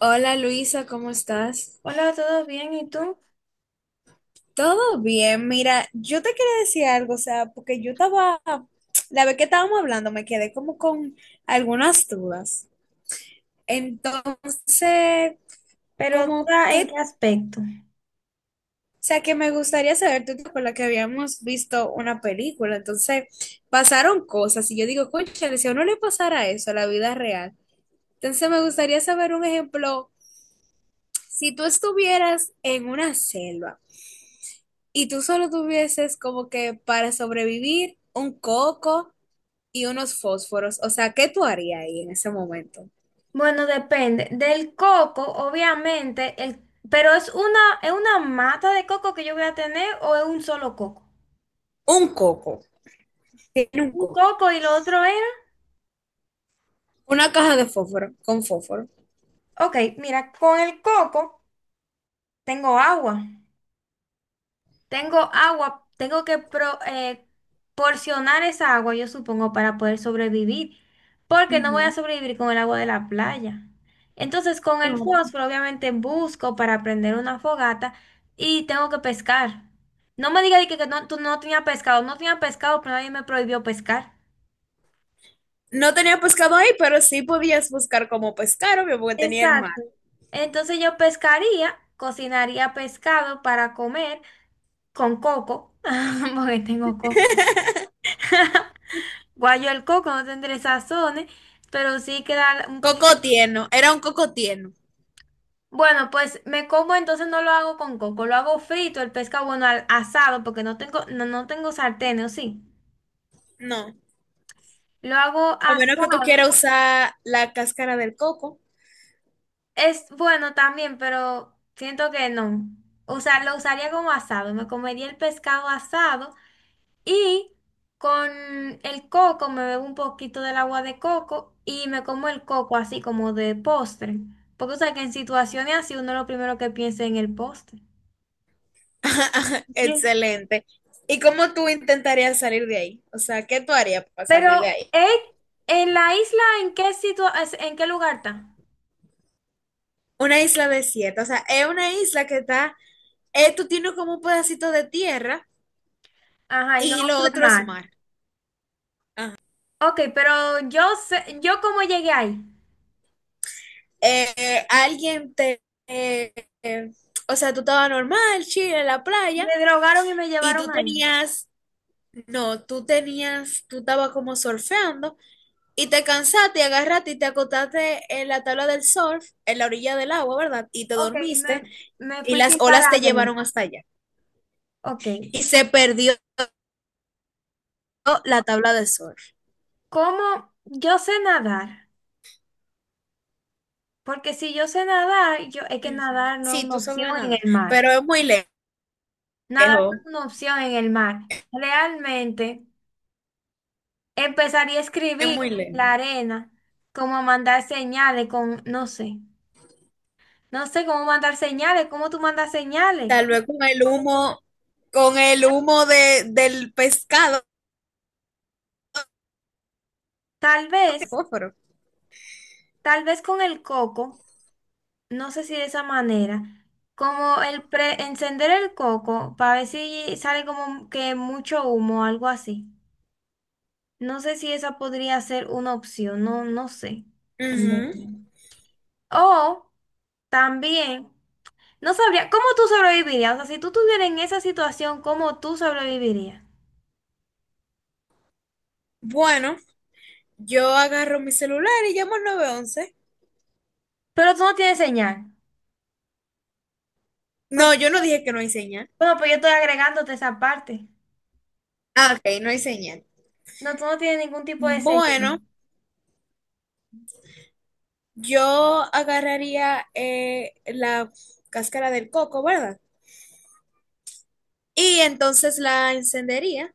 Hola Luisa, ¿cómo estás? Hola, ¿todo bien? ¿Y tú? Todo bien, mira, yo te quería decir algo, o sea, porque la vez que estábamos hablando, me quedé como con algunas dudas. Entonces, Pero como duda en qué que, aspecto. o sea, que me gustaría saber, tú te acuerdas que habíamos visto una película, entonces pasaron cosas y yo digo, cónchale, si a uno le pasara eso a la vida real, entonces me gustaría saber un ejemplo, si tú estuvieras en una selva. Y tú solo tuvieses como que para sobrevivir un coco y unos fósforos, o sea, ¿qué tú harías ahí en ese momento? Bueno, depende. Del coco, obviamente, pero es una mata de coco que yo voy a tener o es un solo coco. Un coco, tiene un Un coco, coco y lo otro era. una caja de fósforo con fósforo. Ok, mira, con el coco tengo agua. Tengo agua, tengo que porcionar esa agua, yo supongo, para poder sobrevivir, porque no voy a Ujú. sobrevivir con el agua de la playa. Entonces, con el No, fósforo, obviamente, busco para prender una fogata y tengo que pescar. No me digas de que no, tú no tenías pescado, no tenía pescado, pero nadie me prohibió pescar. no tenía pescado ahí, pero sí podías buscar como pescar, obvio, porque tenía el mar. Exacto. Entonces yo pescaría, cocinaría pescado para comer con coco, porque tengo coco. Guayo el coco no tendré sazones, pero sí queda un poquito. Coco tierno, era un coco tierno. Bueno, pues me como, entonces no lo hago con coco, lo hago frito, el pescado, bueno, al asado, porque no tengo sartén, ¿o sí? No, Lo hago a menos que tú quieras asado. usar la cáscara del coco. Es bueno también, pero siento que no. O sea, lo usaría como asado, me comería el pescado asado y con el coco me bebo un poquito del agua de coco y me como el coco así como de postre. Porque, o sea, que en situaciones así uno lo primero que piensa es en el postre. Ye- Excelente. ¿Y cómo tú intentarías salir de ahí? O sea, ¿qué tú harías para Pero, salir de ahí? ¿eh? ¿En la isla en qué lugar está? Una isla desierta, o sea, es una isla que tú tienes como un pedacito de tierra Ajá, y lo y lo otro es otro es mar. mar. Ajá. Ok, pero yo sé, yo cómo llegué ahí. Eh, eh, alguien te, eh, eh, o sea, tú estabas normal, chile, en la playa Me drogaron y me y llevaron ahí. No, tú tenías, tú estabas como surfeando y te cansaste, y agarraste y te acostaste en la tabla del surf, en la orilla del agua, ¿verdad? Y te Ok, y dormiste me y fui sin las olas parar te de ahí. llevaron hasta allá Ok, y se perdió la tabla del surf. ¿cómo yo sé nadar? Porque si yo sé nadar, es que Ujú. nadar no es Sí, una tú opción sabes en nada, el mar. pero es muy Nadar no lejos, es una opción en el mar. Realmente empezaría a es escribir muy lejos. la arena, como mandar señales con, no sé, no sé cómo mandar señales, cómo tú mandas señales. Tal ¿Cómo? vez con el humo del pescado, Tal de vez, fósforo. tal vez con el coco, no sé si de esa manera, como el encender el coco para ver si sale como que mucho humo o algo así. No sé si esa podría ser una opción, no, no sé en Ujú. verdad. O también, no sabría, ¿cómo tú sobrevivirías? O sea, si tú estuvieras en esa situación, ¿cómo tú sobrevivirías? Bueno, yo agarro mi celular y llamo al 911. Pero tú no tienes señal. No, Porque, yo no dije que no hay señal. bueno, pues yo estoy agregándote esa parte. Ah, ok, no hay señal. No, tú no tienes ningún tipo de señal. Bueno, yo agarraría la cáscara del coco, ¿verdad? Y entonces la encendería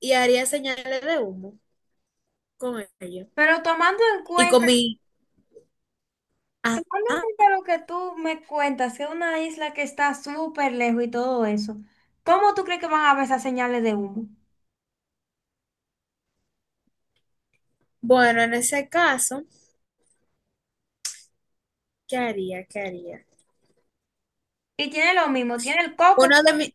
y haría señales de humo con ello. Pero tomando en Y con cuenta, mi tomando ajá en cuenta lo que tú me cuentas, que es una isla que está súper lejos y todo eso, ¿cómo tú crees que van a ver esas señales de humo? bueno, en ese caso, ¿qué haría? ¿Qué haría? Y tiene lo mismo, tiene el coco Uno de mis...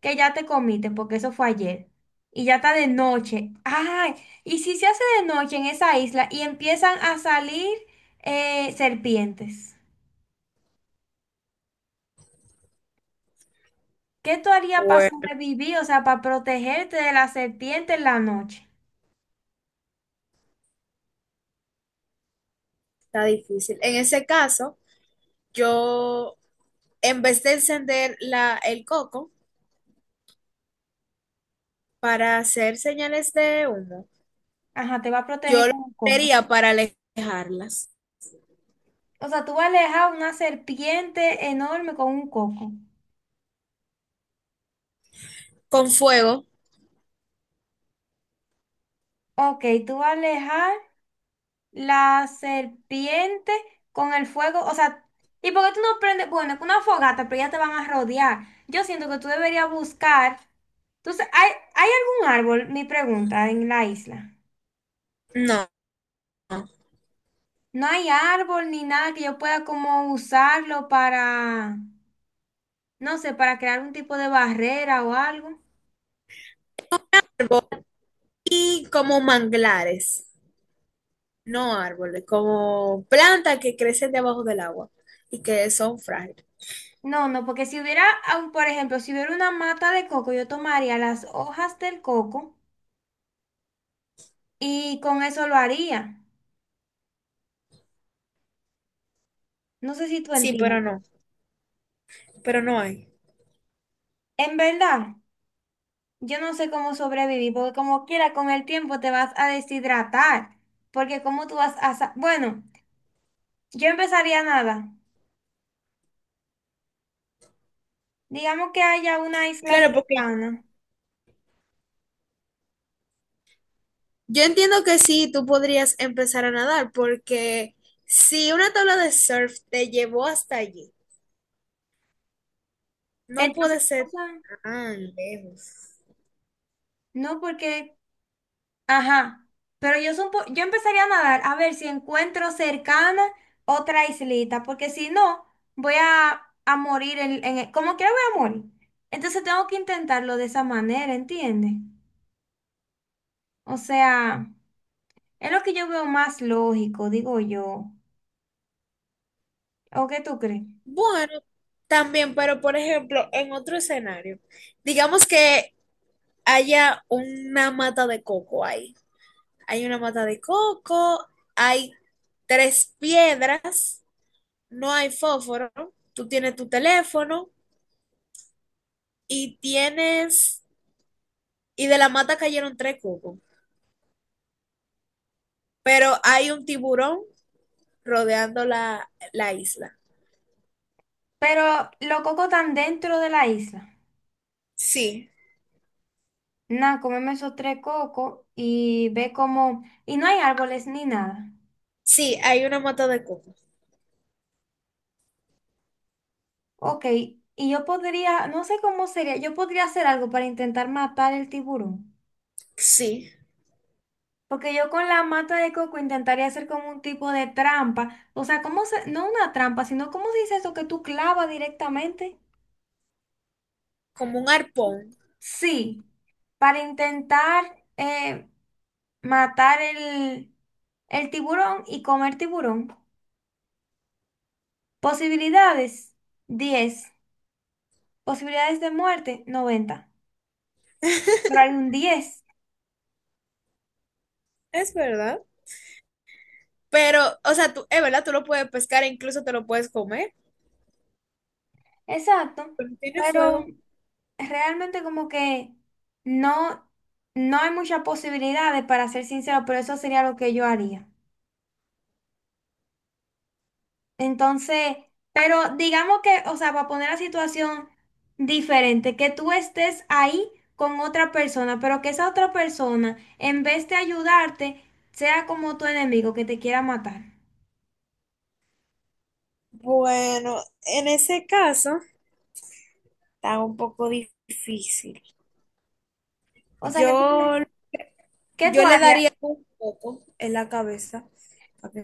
que ya te comiste, porque eso fue ayer, y ya está de noche. Ay, y si se hace de noche en esa isla y empiezan a salir serpientes, ¿qué tú harías para Bueno, sobrevivir? O sea, para protegerte de la serpiente en la noche. está difícil. En ese caso, yo, en vez de encender el coco para hacer señales de humo, Ajá, te va a proteger yo lo con un coco. haría para alejarlas. O sea, tú vas a alejar una serpiente enorme con un coco. Con fuego, Ok, tú vas a alejar. La serpiente con el fuego, o sea, ¿y por qué tú no prendes? Bueno, es una fogata, pero ya te van a rodear. Yo siento que tú deberías buscar. Entonces, ¿hay algún árbol? Mi pregunta, en la isla. no. No hay árbol ni nada que yo pueda como usarlo para, no sé, para crear un tipo de barrera o algo. Y como manglares, no árboles, como plantas que crecen debajo del agua y que son frágiles. No, no, porque si hubiera, aun, por ejemplo, si hubiera una mata de coco, yo tomaría las hojas del coco y con eso lo haría. No sé si tú Sí, entiendes. pero pero no hay. En verdad, yo no sé cómo sobrevivir, porque como quiera, con el tiempo te vas a deshidratar, porque cómo tú vas a. Bueno, yo empezaría nada. Digamos que haya una isla Claro, porque cercana. yo entiendo que sí, tú podrías empezar a nadar, porque si una tabla de surf te llevó hasta allí, no puede Entonces, o ser sea, tan lejos. no porque. Ajá, pero yo empezaría a nadar a ver si encuentro cercana otra islita, porque si no, voy a morir. Como quiera voy a morir. Entonces tengo que intentarlo de esa manera, ¿entiendes? O sea, es lo que yo veo más lógico, digo yo. ¿O qué tú crees? Bueno, también, pero por ejemplo, en otro escenario, digamos que haya una mata de coco ahí. Hay una mata de coco, hay tres piedras, no hay fósforo, tú tienes tu teléfono y tienes, y de la mata cayeron tres cocos. Pero hay un tiburón rodeando la isla. Pero los cocos están dentro de la isla. Sí, Nada, comemos esos tres cocos y ve cómo. Y no hay árboles ni nada. sí, hay una mata de coco. Ok, y yo podría, no sé cómo sería, yo podría hacer algo para intentar matar el tiburón. Sí, Porque yo con la mata de coco intentaría hacer como un tipo de trampa. O sea, ¿cómo se, no una trampa, sino cómo se dice eso que tú clavas directamente? como un arpón. Sí. Para intentar eh, matar el tiburón y comer tiburón. Posibilidades, 10. Posibilidades de muerte, 90. Por ahí un 10. Es verdad. Pero, o sea, tú, es verdad, tú lo puedes pescar e incluso te lo puedes comer. Exacto. Pero tiene Pero fuego. realmente como que no, no hay muchas posibilidades, para ser sincero, pero eso sería lo que yo haría. Entonces, pero digamos que, o sea, para poner la situación diferente, que tú estés ahí con otra persona, pero que esa otra persona, en vez de ayudarte, sea como tu enemigo que te quiera matar. Bueno, en ese caso está un poco difícil. O sea, ¿qué tú, Yo, qué tú yo le harías? daría un poco en la cabeza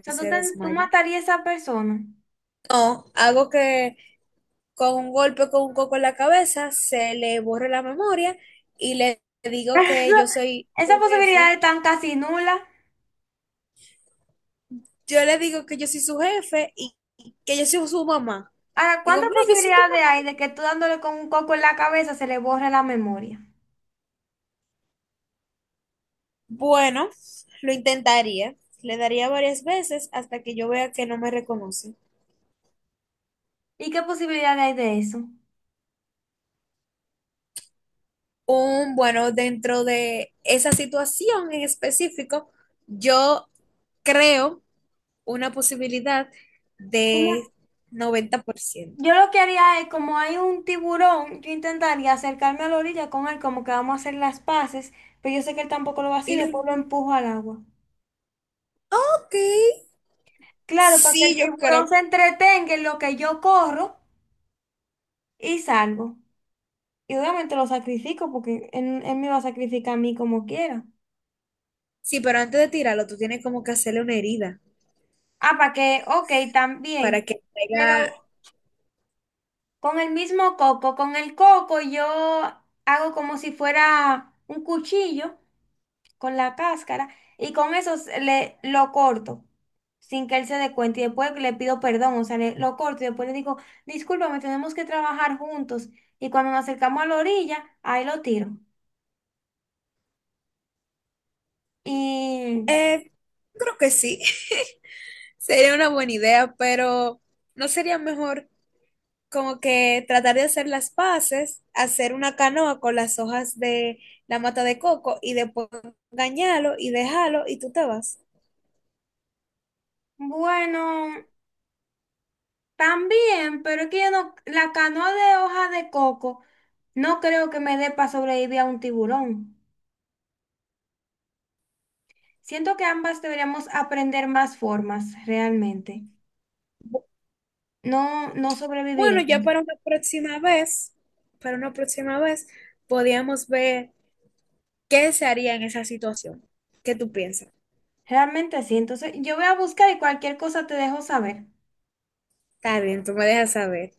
O que sea, tú, se ten- tú desmaye. matarías a esa persona. No, algo que con un golpe con un coco en la cabeza, se le borra la memoria y le digo que Esa yo soy Esas su posibilidades jefe. están casi nulas. Yo le digo que yo soy su jefe y que yo soy su mamá. Ahora, Digo, ¿cuántas mira, yo soy tu posibilidades mamá. hay de que tú dándole con un coco en la cabeza se le borre la memoria? Bueno, lo intentaría. Le daría varias veces hasta que yo vea que no me reconoce. ¿Y qué posibilidades hay de eso? Bueno, dentro de esa situación en específico, yo creo una posibilidad de 90%. Yo lo que haría es, como hay un tiburón, yo intentaría acercarme a la orilla con él, como que vamos a hacer las paces, pero yo sé que él tampoco lo va a hacer, Y lo, después lo empujo al agua. ok, Claro, para que el sí, yo tiburón creo. se entretenga en lo que yo corro y salgo. Y obviamente lo sacrifico porque él me va a sacrificar a mí como quiera. Sí, pero antes de tirarlo, tú tienes como que hacerle una herida Ah, para que, ok, para también. que traiga. Pero con el mismo coco, con el coco yo hago como si fuera un cuchillo con la cáscara y con eso lo corto sin que él se dé cuenta y después le pido perdón, o sea, lo corto y después le digo, discúlpame, tenemos que trabajar juntos y cuando nos acercamos a la orilla, ahí lo tiro. Y Eh, creo que sí. Sería una buena idea, pero ¿no sería mejor como que tratar de hacer las paces, hacer una canoa con las hojas de la mata de coco y después engañarlo y dejarlo y tú te vas? bueno, también, pero es que yo no, la canoa de hoja de coco no creo que me dé para sobrevivir a un tiburón. Siento que ambas deberíamos aprender más formas realmente. No, no Bueno, sobreviviré. ya para una próxima vez, para una próxima vez, podíamos ver qué se haría en esa situación. ¿Qué tú piensas? Realmente sí. Entonces, yo voy a buscar y cualquier cosa te dejo saber. Está bien, tú me dejas saber.